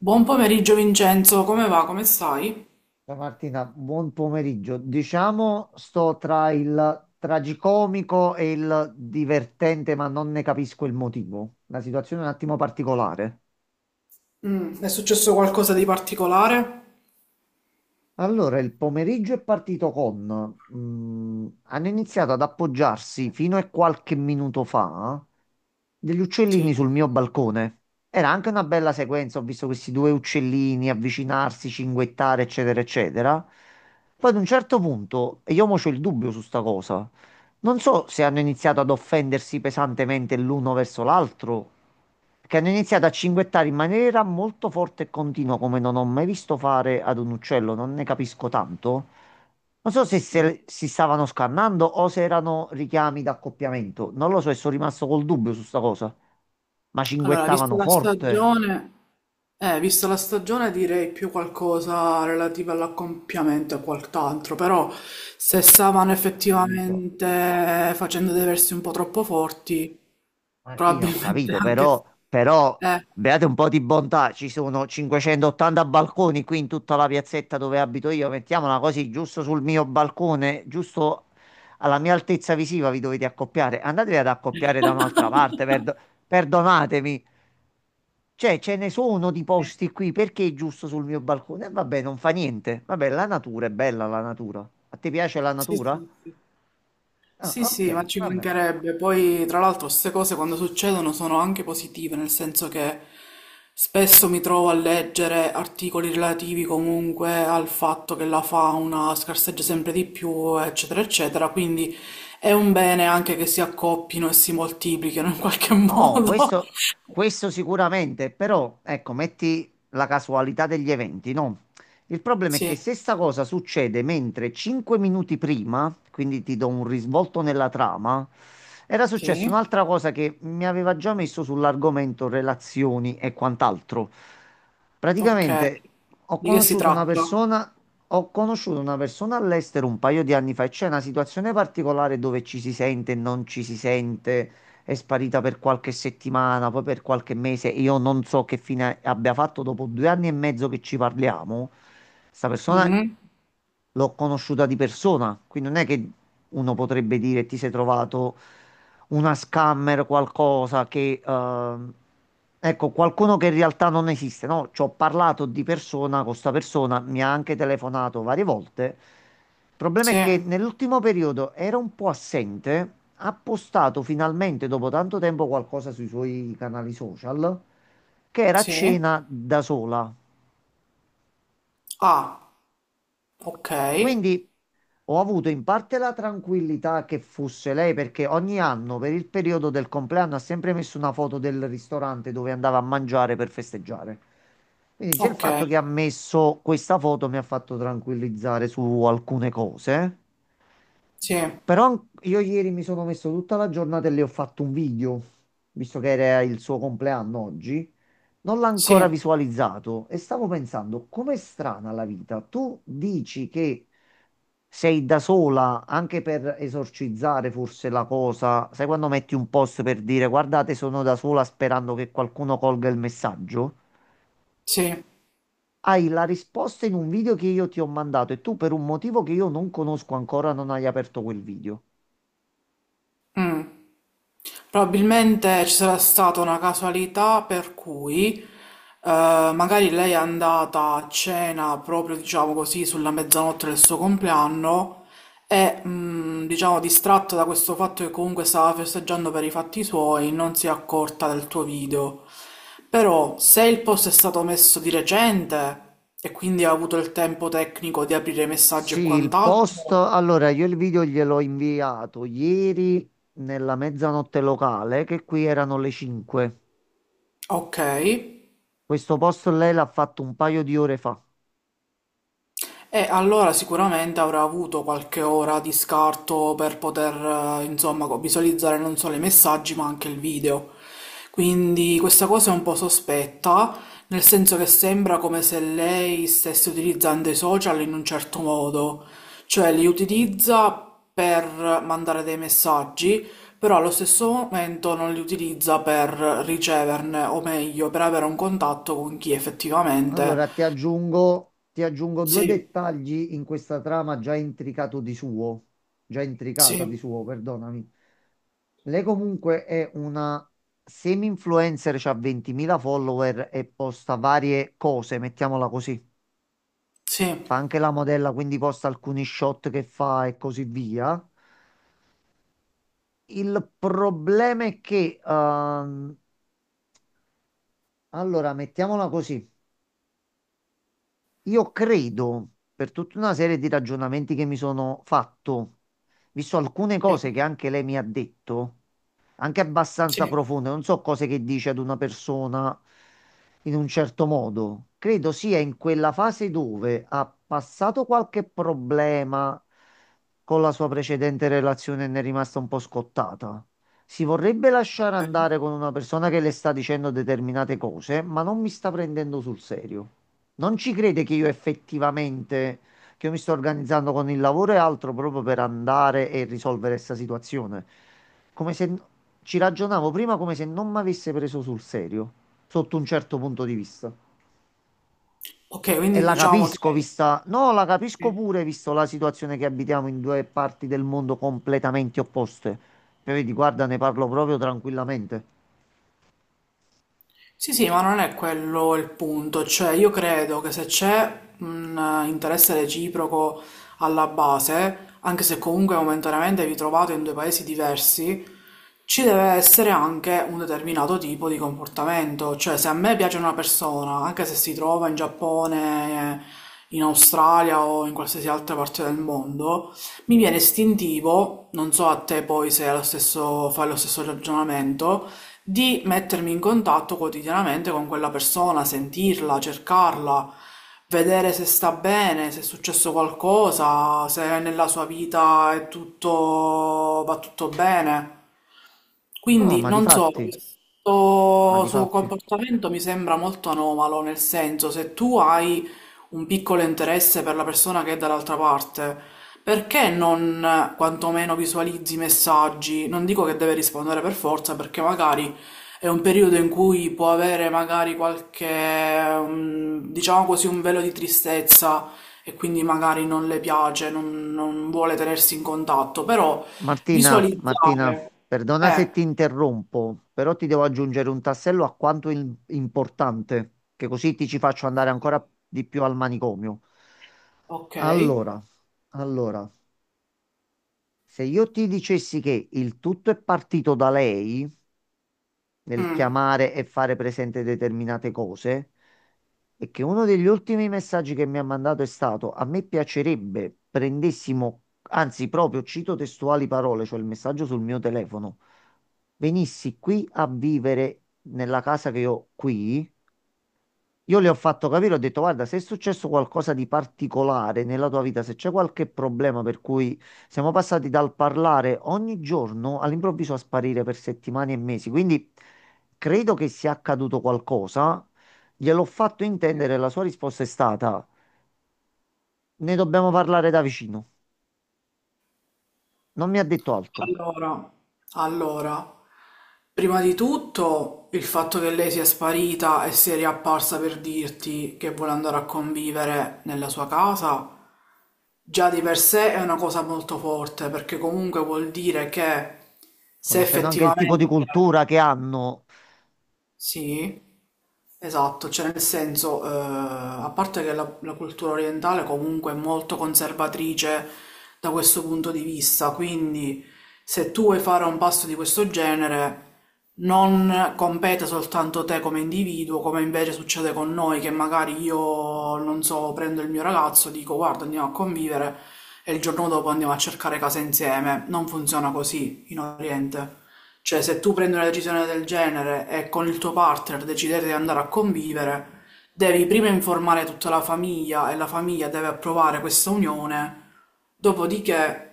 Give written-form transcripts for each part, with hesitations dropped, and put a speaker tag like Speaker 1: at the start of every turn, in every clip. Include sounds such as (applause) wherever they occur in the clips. Speaker 1: Buon pomeriggio Vincenzo, come va? Come stai?
Speaker 2: Ciao Martina, buon pomeriggio. Diciamo, sto tra il tragicomico e il divertente, ma non ne capisco il motivo. La situazione è un attimo particolare.
Speaker 1: È successo qualcosa di particolare?
Speaker 2: Allora, il pomeriggio è partito con hanno iniziato ad appoggiarsi fino a qualche minuto fa degli
Speaker 1: Sì.
Speaker 2: uccellini sul mio balcone. Era anche una bella sequenza, ho visto questi due uccellini avvicinarsi, cinguettare, eccetera, eccetera. Poi ad un certo punto, e io mo c'ho il dubbio su sta cosa, non so se hanno iniziato ad offendersi pesantemente l'uno verso l'altro che hanno iniziato a cinguettare in maniera molto forte e continua, come non ho mai visto fare ad un uccello, non ne capisco tanto. Non so se si stavano scannando o se erano richiami d'accoppiamento, non lo so e sono rimasto col dubbio su sta cosa. Ma
Speaker 1: Allora,
Speaker 2: cinguettavano forte.
Speaker 1: vista la stagione direi più qualcosa relativo all'accoppiamento e quant'altro, però se stavano
Speaker 2: Allora, ho capito.
Speaker 1: effettivamente facendo dei versi un po' troppo forti,
Speaker 2: Martina, ho
Speaker 1: probabilmente
Speaker 2: capito,
Speaker 1: anche...
Speaker 2: però
Speaker 1: Eh.
Speaker 2: beate un po' di bontà, ci sono 580 balconi qui in tutta la piazzetta dove abito io, mettiamola così, giusto sul mio balcone, giusto alla mia altezza visiva vi dovete accoppiare, andatevi ad accoppiare da un'altra parte,
Speaker 1: (laughs)
Speaker 2: perdonatemi, cioè ce ne sono di posti qui, perché giusto sul mio balcone? E vabbè, non fa niente, vabbè, la natura è bella, la natura. A te piace la
Speaker 1: Sì,
Speaker 2: natura?
Speaker 1: sì, sì.
Speaker 2: Ah,
Speaker 1: Sì,
Speaker 2: ok,
Speaker 1: sì, ma ci
Speaker 2: va bene.
Speaker 1: mancherebbe. Poi, tra l'altro, queste cose quando succedono sono anche positive, nel senso che spesso mi trovo a leggere articoli relativi comunque al fatto che la fauna scarseggia sempre di più, eccetera, eccetera. Quindi è un bene anche che si accoppino e si moltiplichino in qualche (laughs)
Speaker 2: No,
Speaker 1: modo.
Speaker 2: questo sicuramente, però ecco, metti la casualità degli eventi, no? Il problema è
Speaker 1: Sì,
Speaker 2: che se sta cosa succede mentre 5 minuti prima, quindi ti do un risvolto nella trama, era successa
Speaker 1: sì,
Speaker 2: un'altra cosa che mi aveva già messo sull'argomento relazioni e quant'altro.
Speaker 1: ok.
Speaker 2: Praticamente ho
Speaker 1: Di che si
Speaker 2: conosciuto una
Speaker 1: tratta?
Speaker 2: persona, ho conosciuto una persona all'estero un paio di anni fa e c'è una situazione particolare dove ci si sente e non ci si sente, è sparita per qualche settimana, poi per qualche mese. E io non so che fine abbia fatto dopo 2 anni e mezzo che ci parliamo. Sta persona
Speaker 1: Mm,
Speaker 2: l'ho conosciuta di persona, quindi non è che uno potrebbe dire ti sei trovato una scammer, qualcosa che ecco, qualcuno che in realtà non esiste, no? Ci ho parlato di persona con sta persona, mi ha anche telefonato varie volte. Il problema è
Speaker 1: sì,
Speaker 2: che nell'ultimo periodo era un po' assente, ha postato finalmente dopo tanto tempo qualcosa sui suoi canali social, che era a
Speaker 1: sì.
Speaker 2: cena da sola.
Speaker 1: Ah, ok,
Speaker 2: Quindi ho avuto in parte la tranquillità che fosse lei perché ogni anno per il periodo del compleanno ha sempre messo una foto del ristorante dove andava a mangiare per festeggiare. Quindi già il
Speaker 1: ok,
Speaker 2: fatto che ha messo questa foto mi ha fatto tranquillizzare su alcune cose.
Speaker 1: sì,
Speaker 2: Io ieri mi sono messo tutta la giornata e le ho fatto un video, visto che era il suo compleanno oggi. Non l'ho ancora
Speaker 1: sì.
Speaker 2: visualizzato e stavo pensando, com'è strana la vita. Tu dici che sei da sola anche per esorcizzare forse la cosa. Sai quando metti un post per dire guardate, sono da sola sperando che qualcuno colga il messaggio?
Speaker 1: Sì,
Speaker 2: Hai la risposta in un video che io ti ho mandato e tu per un motivo che io non conosco ancora non hai aperto quel video.
Speaker 1: probabilmente ci sarà stata una casualità per cui magari lei è andata a cena proprio, diciamo così, sulla mezzanotte del suo compleanno e, diciamo, distratta da questo fatto che comunque stava festeggiando per i fatti suoi, non si è accorta del tuo video. Però se il post è stato messo di recente e quindi ha avuto il tempo tecnico di aprire i messaggi
Speaker 2: Sì,
Speaker 1: e
Speaker 2: il
Speaker 1: quant'altro,
Speaker 2: post, allora io il video gliel'ho inviato ieri nella mezzanotte locale, che qui erano le 5.
Speaker 1: ok.
Speaker 2: Questo post lei l'ha fatto un paio di ore fa.
Speaker 1: E allora sicuramente avrà avuto qualche ora di scarto per poter, insomma, visualizzare non solo i messaggi ma anche il video. Quindi questa cosa è un po' sospetta, nel senso che sembra come se lei stesse utilizzando i social in un certo modo, cioè li utilizza per mandare dei messaggi, però allo stesso momento non li utilizza per riceverne, o meglio, per avere un contatto con chi
Speaker 2: Allora
Speaker 1: effettivamente...
Speaker 2: ti aggiungo due
Speaker 1: Sì,
Speaker 2: dettagli in questa trama già intricata di
Speaker 1: sì.
Speaker 2: suo, perdonami. Lei comunque è una semi-influencer, ha 20.000 follower e posta varie cose, mettiamola così.
Speaker 1: Sì,
Speaker 2: Fa anche la modella, quindi posta alcuni shot che fa e così via. Il problema è che, allora, mettiamola così, io credo, per tutta una serie di ragionamenti che mi sono fatto, visto alcune
Speaker 1: sì,
Speaker 2: cose che anche lei mi ha detto, anche abbastanza
Speaker 1: sì.
Speaker 2: profonde. Non so cose che dice ad una persona in un certo modo. Credo sia in quella fase dove ha passato qualche problema con la sua precedente relazione e ne è rimasta un po' scottata. Si vorrebbe lasciare
Speaker 1: Ok,
Speaker 2: andare con una persona che le sta dicendo determinate cose, ma non mi sta prendendo sul serio. Non ci crede che io mi sto organizzando con il lavoro e altro proprio per andare e risolvere questa situazione. Come se ci ragionavo prima come se non mi avesse preso sul serio, sotto un certo punto di vista.
Speaker 1: ok,
Speaker 2: E
Speaker 1: quindi
Speaker 2: la
Speaker 1: diciamo che...
Speaker 2: capisco, vista. No, la capisco pure, visto la situazione che abitiamo in due parti del mondo completamente opposte. Cioè, vedi, guarda, ne parlo proprio tranquillamente.
Speaker 1: Sì, sì, ma non è quello il punto, cioè io credo che se c'è un interesse reciproco alla base, anche se comunque momentaneamente vi trovate in due paesi diversi, ci deve essere anche un determinato tipo di comportamento, cioè se a me piace una persona, anche se si trova in Giappone, in Australia o in qualsiasi altra parte del mondo, mi viene istintivo, non so a te poi se è lo stesso, fai lo stesso ragionamento, di mettermi in contatto quotidianamente con quella persona, sentirla, cercarla, vedere se sta bene, se è successo qualcosa, se nella sua vita è tutto, va tutto bene.
Speaker 2: No,
Speaker 1: Quindi non so,
Speaker 2: ma
Speaker 1: questo
Speaker 2: di
Speaker 1: suo
Speaker 2: fatti.
Speaker 1: comportamento mi sembra molto anomalo, nel senso se tu hai un piccolo interesse per la persona che è dall'altra parte, perché non quantomeno visualizzi i messaggi? Non dico che deve rispondere per forza, perché magari è un periodo in cui può avere magari qualche, diciamo così, un velo di tristezza e quindi magari non le piace, non vuole tenersi in contatto, però
Speaker 2: Martina,
Speaker 1: visualizzare
Speaker 2: perdona se
Speaker 1: eh,
Speaker 2: ti interrompo, però ti devo aggiungere un tassello a quanto importante, che così ti ci faccio andare
Speaker 1: sì,
Speaker 2: ancora di più al manicomio.
Speaker 1: okay.
Speaker 2: Allora, allora, se io ti dicessi che il tutto è partito da lei, nel
Speaker 1: Mh.
Speaker 2: chiamare e fare presente determinate cose. E che uno degli ultimi messaggi che mi ha mandato è stato: a me piacerebbe prendessimo, anzi, proprio cito testuali parole, cioè il messaggio sul mio telefono, venissi qui a vivere nella casa che ho qui. Io le ho fatto capire, ho detto, guarda, se è successo qualcosa di particolare nella tua vita, se c'è qualche problema per cui siamo passati dal parlare ogni giorno all'improvviso a sparire per settimane e mesi, quindi credo che sia accaduto qualcosa, gliel'ho fatto intendere, e la sua risposta è stata, ne dobbiamo parlare da vicino. Non mi ha detto altro.
Speaker 1: Allora, allora, prima di tutto il fatto che lei sia sparita e sia riapparsa per dirti che vuole andare a convivere nella sua casa, già di per sé è una cosa molto forte, perché comunque vuol dire che se
Speaker 2: Conoscendo anche il tipo di
Speaker 1: effettivamente
Speaker 2: cultura che hanno,
Speaker 1: sì, esatto, cioè nel senso, a parte che la, la cultura orientale comunque è molto conservatrice da questo punto di vista, quindi se tu vuoi fare un pasto di questo genere non compete soltanto te come individuo, come invece succede con noi, che magari io, non so, prendo il mio ragazzo, dico guarda andiamo a convivere e il giorno dopo andiamo a cercare casa insieme. Non funziona così in Oriente. Cioè, se tu prendi una decisione del genere e con il tuo partner decidete di andare a convivere, devi prima informare tutta la famiglia e la famiglia deve approvare questa unione, dopodiché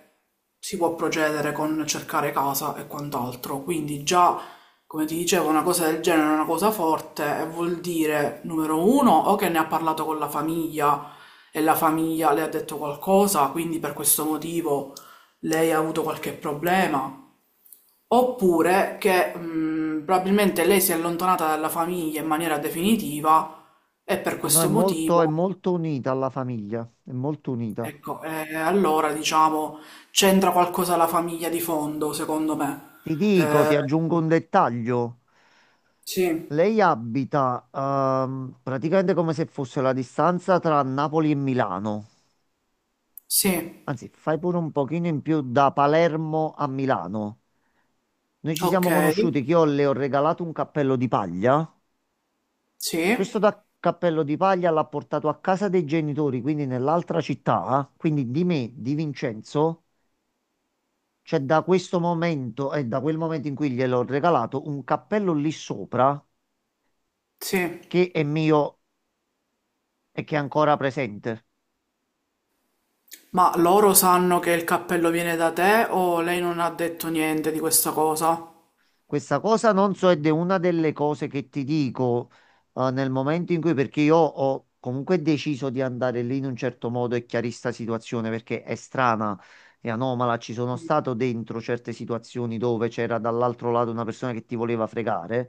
Speaker 1: si può procedere con cercare casa e quant'altro. Quindi già, come ti dicevo, una cosa del genere è una cosa forte e vuol dire, numero uno, o che ne ha parlato con la famiglia e la famiglia le ha detto qualcosa, quindi per questo motivo lei ha avuto qualche problema. Oppure che probabilmente lei si è allontanata dalla famiglia in maniera definitiva e per
Speaker 2: no, no,
Speaker 1: questo motivo,
Speaker 2: è molto unita alla famiglia, è molto unita.
Speaker 1: ecco, allora diciamo c'entra qualcosa la famiglia di fondo, secondo me.
Speaker 2: Ti dico,
Speaker 1: Eh,
Speaker 2: ti aggiungo un dettaglio.
Speaker 1: sì,
Speaker 2: Lei abita praticamente come se fosse la distanza tra Napoli e Milano.
Speaker 1: sì,
Speaker 2: Anzi, fai pure un pochino in più da Palermo a Milano. Noi ci
Speaker 1: ok,
Speaker 2: siamo conosciuti che io le ho regalato un cappello di paglia. Questo
Speaker 1: sì,
Speaker 2: da cappello di paglia l'ha portato a casa dei genitori, quindi nell'altra città. Quindi di me, di Vincenzo, c'è da questo momento e da quel momento in cui gliel'ho regalato un cappello lì sopra
Speaker 1: sì.
Speaker 2: che è mio e che è ancora presente.
Speaker 1: Ma loro sanno che il cappello viene da te o lei non ha detto niente di questa cosa?
Speaker 2: Questa cosa non so ed è una delle cose che ti dico nel momento in cui, perché io ho comunque deciso di andare lì in un certo modo e chiarista situazione perché è strana e anomala. Ci sono stato dentro certe situazioni dove c'era dall'altro lato una persona che ti voleva fregare.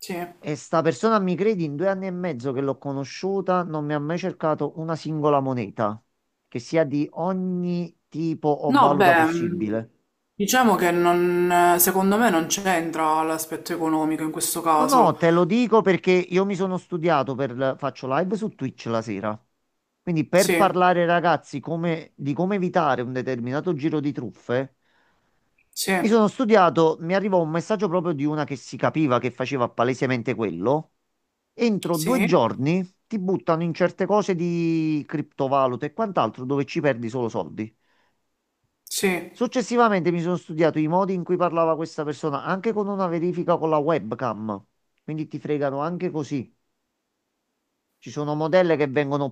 Speaker 1: Sì.
Speaker 2: E sta persona, mi credi, in 2 anni e mezzo che l'ho conosciuta, non mi ha mai cercato una singola moneta, che sia di ogni tipo o
Speaker 1: No,
Speaker 2: valuta
Speaker 1: beh,
Speaker 2: possibile.
Speaker 1: diciamo che non, secondo me non c'entra l'aspetto economico in questo
Speaker 2: No, no,
Speaker 1: caso.
Speaker 2: te lo dico perché io mi sono studiato per, faccio live su Twitch la sera. Quindi per
Speaker 1: Sì,
Speaker 2: parlare ai ragazzi di come evitare un determinato giro di truffe,
Speaker 1: sì,
Speaker 2: mi sono studiato, mi arrivò un messaggio proprio di una che si capiva che faceva palesemente quello. Entro due
Speaker 1: sì,
Speaker 2: giorni ti buttano in certe cose di criptovalute e quant'altro dove ci perdi solo soldi.
Speaker 1: sì.
Speaker 2: Successivamente mi sono studiato i modi in cui parlava questa persona, anche con una verifica con la webcam. Quindi ti fregano anche così. Ci sono modelle che vengono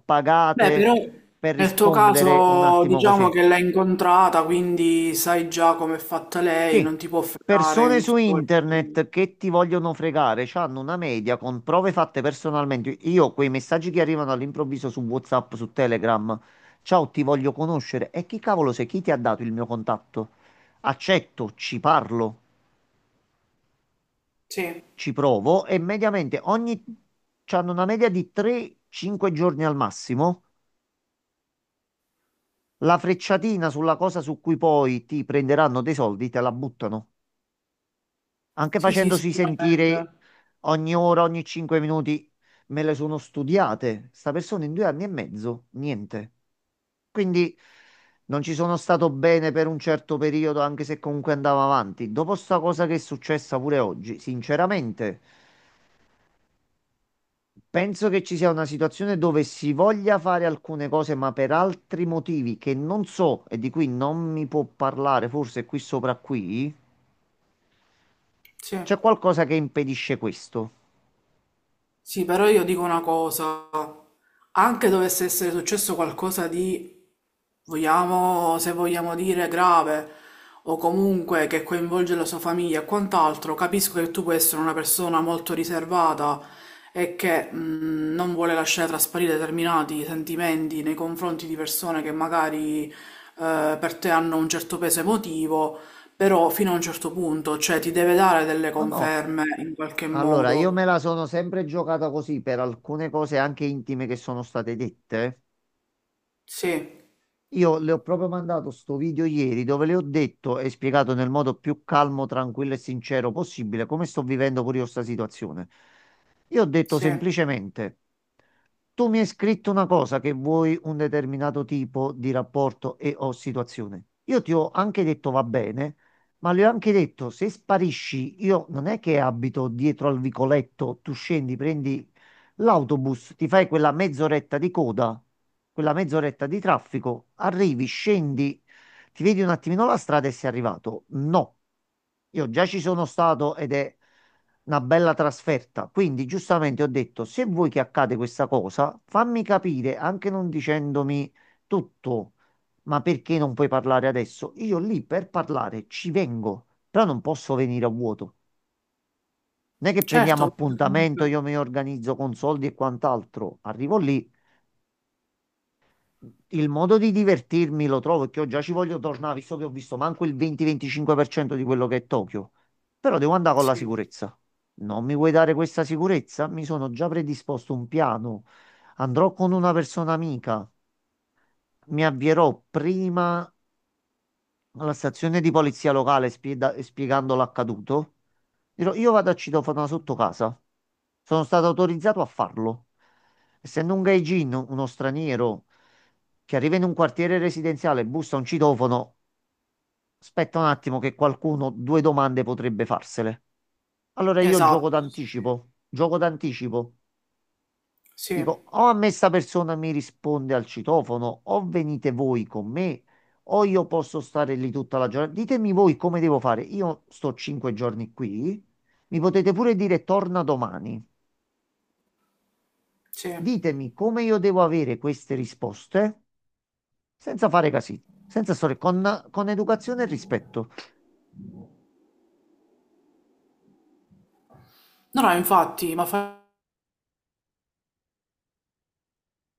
Speaker 1: Beh,
Speaker 2: pagate
Speaker 1: però
Speaker 2: per
Speaker 1: nel tuo
Speaker 2: rispondere un
Speaker 1: caso
Speaker 2: attimo
Speaker 1: diciamo
Speaker 2: così.
Speaker 1: che l'hai incontrata, quindi sai già come è fatta lei,
Speaker 2: Sì,
Speaker 1: non ti può fregare
Speaker 2: persone
Speaker 1: in
Speaker 2: su
Speaker 1: questo quel punto di
Speaker 2: internet
Speaker 1: vista.
Speaker 2: che ti vogliono fregare, hanno una media con prove fatte personalmente. Io quei messaggi che arrivano all'improvviso su WhatsApp, su Telegram, ciao, ti voglio conoscere. E chi cavolo sei? Chi ti ha dato il mio contatto? Accetto, ci parlo,
Speaker 1: Sì,
Speaker 2: ci provo e mediamente ogni, hanno una media di 3-5 giorni al massimo. La frecciatina sulla cosa su cui poi ti prenderanno dei soldi, te la buttano. Anche
Speaker 1: sì, sì,
Speaker 2: facendosi
Speaker 1: sicuramente.
Speaker 2: sentire ogni ora, ogni 5 minuti, me le sono studiate. Sta persona in 2 anni e mezzo, niente. Quindi non ci sono stato bene per un certo periodo, anche se comunque andava avanti. Dopo sta cosa che è successa pure oggi, sinceramente, penso che ci sia una situazione dove si voglia fare alcune cose, ma per altri motivi che non so e di cui non mi può parlare, forse qui sopra qui,
Speaker 1: Sì.
Speaker 2: c'è qualcosa che impedisce questo.
Speaker 1: Sì, però io dico una cosa. Anche dovesse essere successo qualcosa di, vogliamo, se vogliamo dire, grave o comunque che coinvolge la sua famiglia e quant'altro, capisco che tu puoi essere una persona molto riservata e che non vuole lasciare trasparire determinati sentimenti nei confronti di persone che magari per te hanno un certo peso emotivo, però fino a un certo punto, cioè ti deve dare delle
Speaker 2: No, no.
Speaker 1: conferme in qualche
Speaker 2: Allora, io
Speaker 1: modo.
Speaker 2: me la sono sempre giocata così per alcune cose anche intime che sono state dette.
Speaker 1: Sì,
Speaker 2: Io le ho proprio mandato sto video ieri dove le ho detto e spiegato nel modo più calmo, tranquillo e sincero possibile come sto vivendo pure io sta situazione. Io ho detto
Speaker 1: sì,
Speaker 2: semplicemente. Tu mi hai scritto una cosa che vuoi un determinato tipo di rapporto e o situazione. Io ti ho anche detto va bene, ma le ho anche detto se sparisci, io non è che abito dietro al vicoletto, tu scendi, prendi l'autobus, ti fai quella mezz'oretta di coda, quella mezz'oretta di traffico, arrivi, scendi, ti vedi un attimino la strada e sei arrivato? No, io già ci sono stato ed è una bella trasferta. Quindi, giustamente ho detto: se vuoi che accade questa cosa, fammi capire, anche non dicendomi tutto, ma perché non puoi parlare adesso? Io lì per parlare ci vengo, però non posso venire a vuoto. Non è che prendiamo
Speaker 1: certo.
Speaker 2: appuntamento,
Speaker 1: comunque-
Speaker 2: io mi organizzo con soldi e quant'altro. Arrivo lì, il modo di divertirmi lo trovo perché io già ci voglio tornare, visto che ho visto manco il 20-25% di quello che è Tokyo. Però devo andare con la
Speaker 1: Sì,
Speaker 2: sicurezza. Non mi vuoi dare questa sicurezza? Mi sono già predisposto un piano. Andrò con una persona amica. Mi avvierò prima alla stazione di polizia locale spiegando l'accaduto. Dirò, io vado a citofono sotto casa. Sono stato autorizzato a farlo. Essendo un gaijin, uno straniero che arriva in un quartiere residenziale, e bussa a un citofono, aspetta un attimo che qualcuno due domande potrebbe farsele. Allora io gioco
Speaker 1: esatto.
Speaker 2: d'anticipo, gioco d'anticipo.
Speaker 1: Sì,
Speaker 2: Dico, o a me sta persona mi risponde al citofono, o venite voi con me, o io posso stare lì tutta la giornata. Ditemi voi come devo fare. Io sto 5 giorni qui, mi potete pure dire torna domani.
Speaker 1: sì.
Speaker 2: Ditemi come io devo avere queste risposte senza fare casini, senza storie, con educazione e rispetto.
Speaker 1: No, no, infatti, ma fa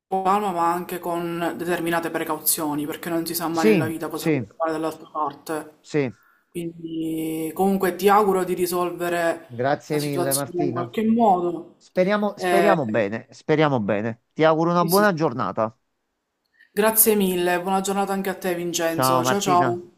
Speaker 1: con calma, ma anche con determinate precauzioni, perché non si sa mai nella
Speaker 2: Sì,
Speaker 1: vita cosa può
Speaker 2: sì,
Speaker 1: fare dall'altra parte.
Speaker 2: sì.
Speaker 1: Quindi, comunque, ti auguro di risolvere la
Speaker 2: Grazie mille,
Speaker 1: situazione in
Speaker 2: Martina.
Speaker 1: qualche modo.
Speaker 2: Speriamo,
Speaker 1: Eh,
Speaker 2: speriamo bene, speriamo bene. Ti auguro una
Speaker 1: sì,
Speaker 2: buona
Speaker 1: sì.
Speaker 2: giornata.
Speaker 1: Grazie mille, buona giornata anche a te,
Speaker 2: Ciao,
Speaker 1: Vincenzo. Ciao,
Speaker 2: Martina.
Speaker 1: ciao.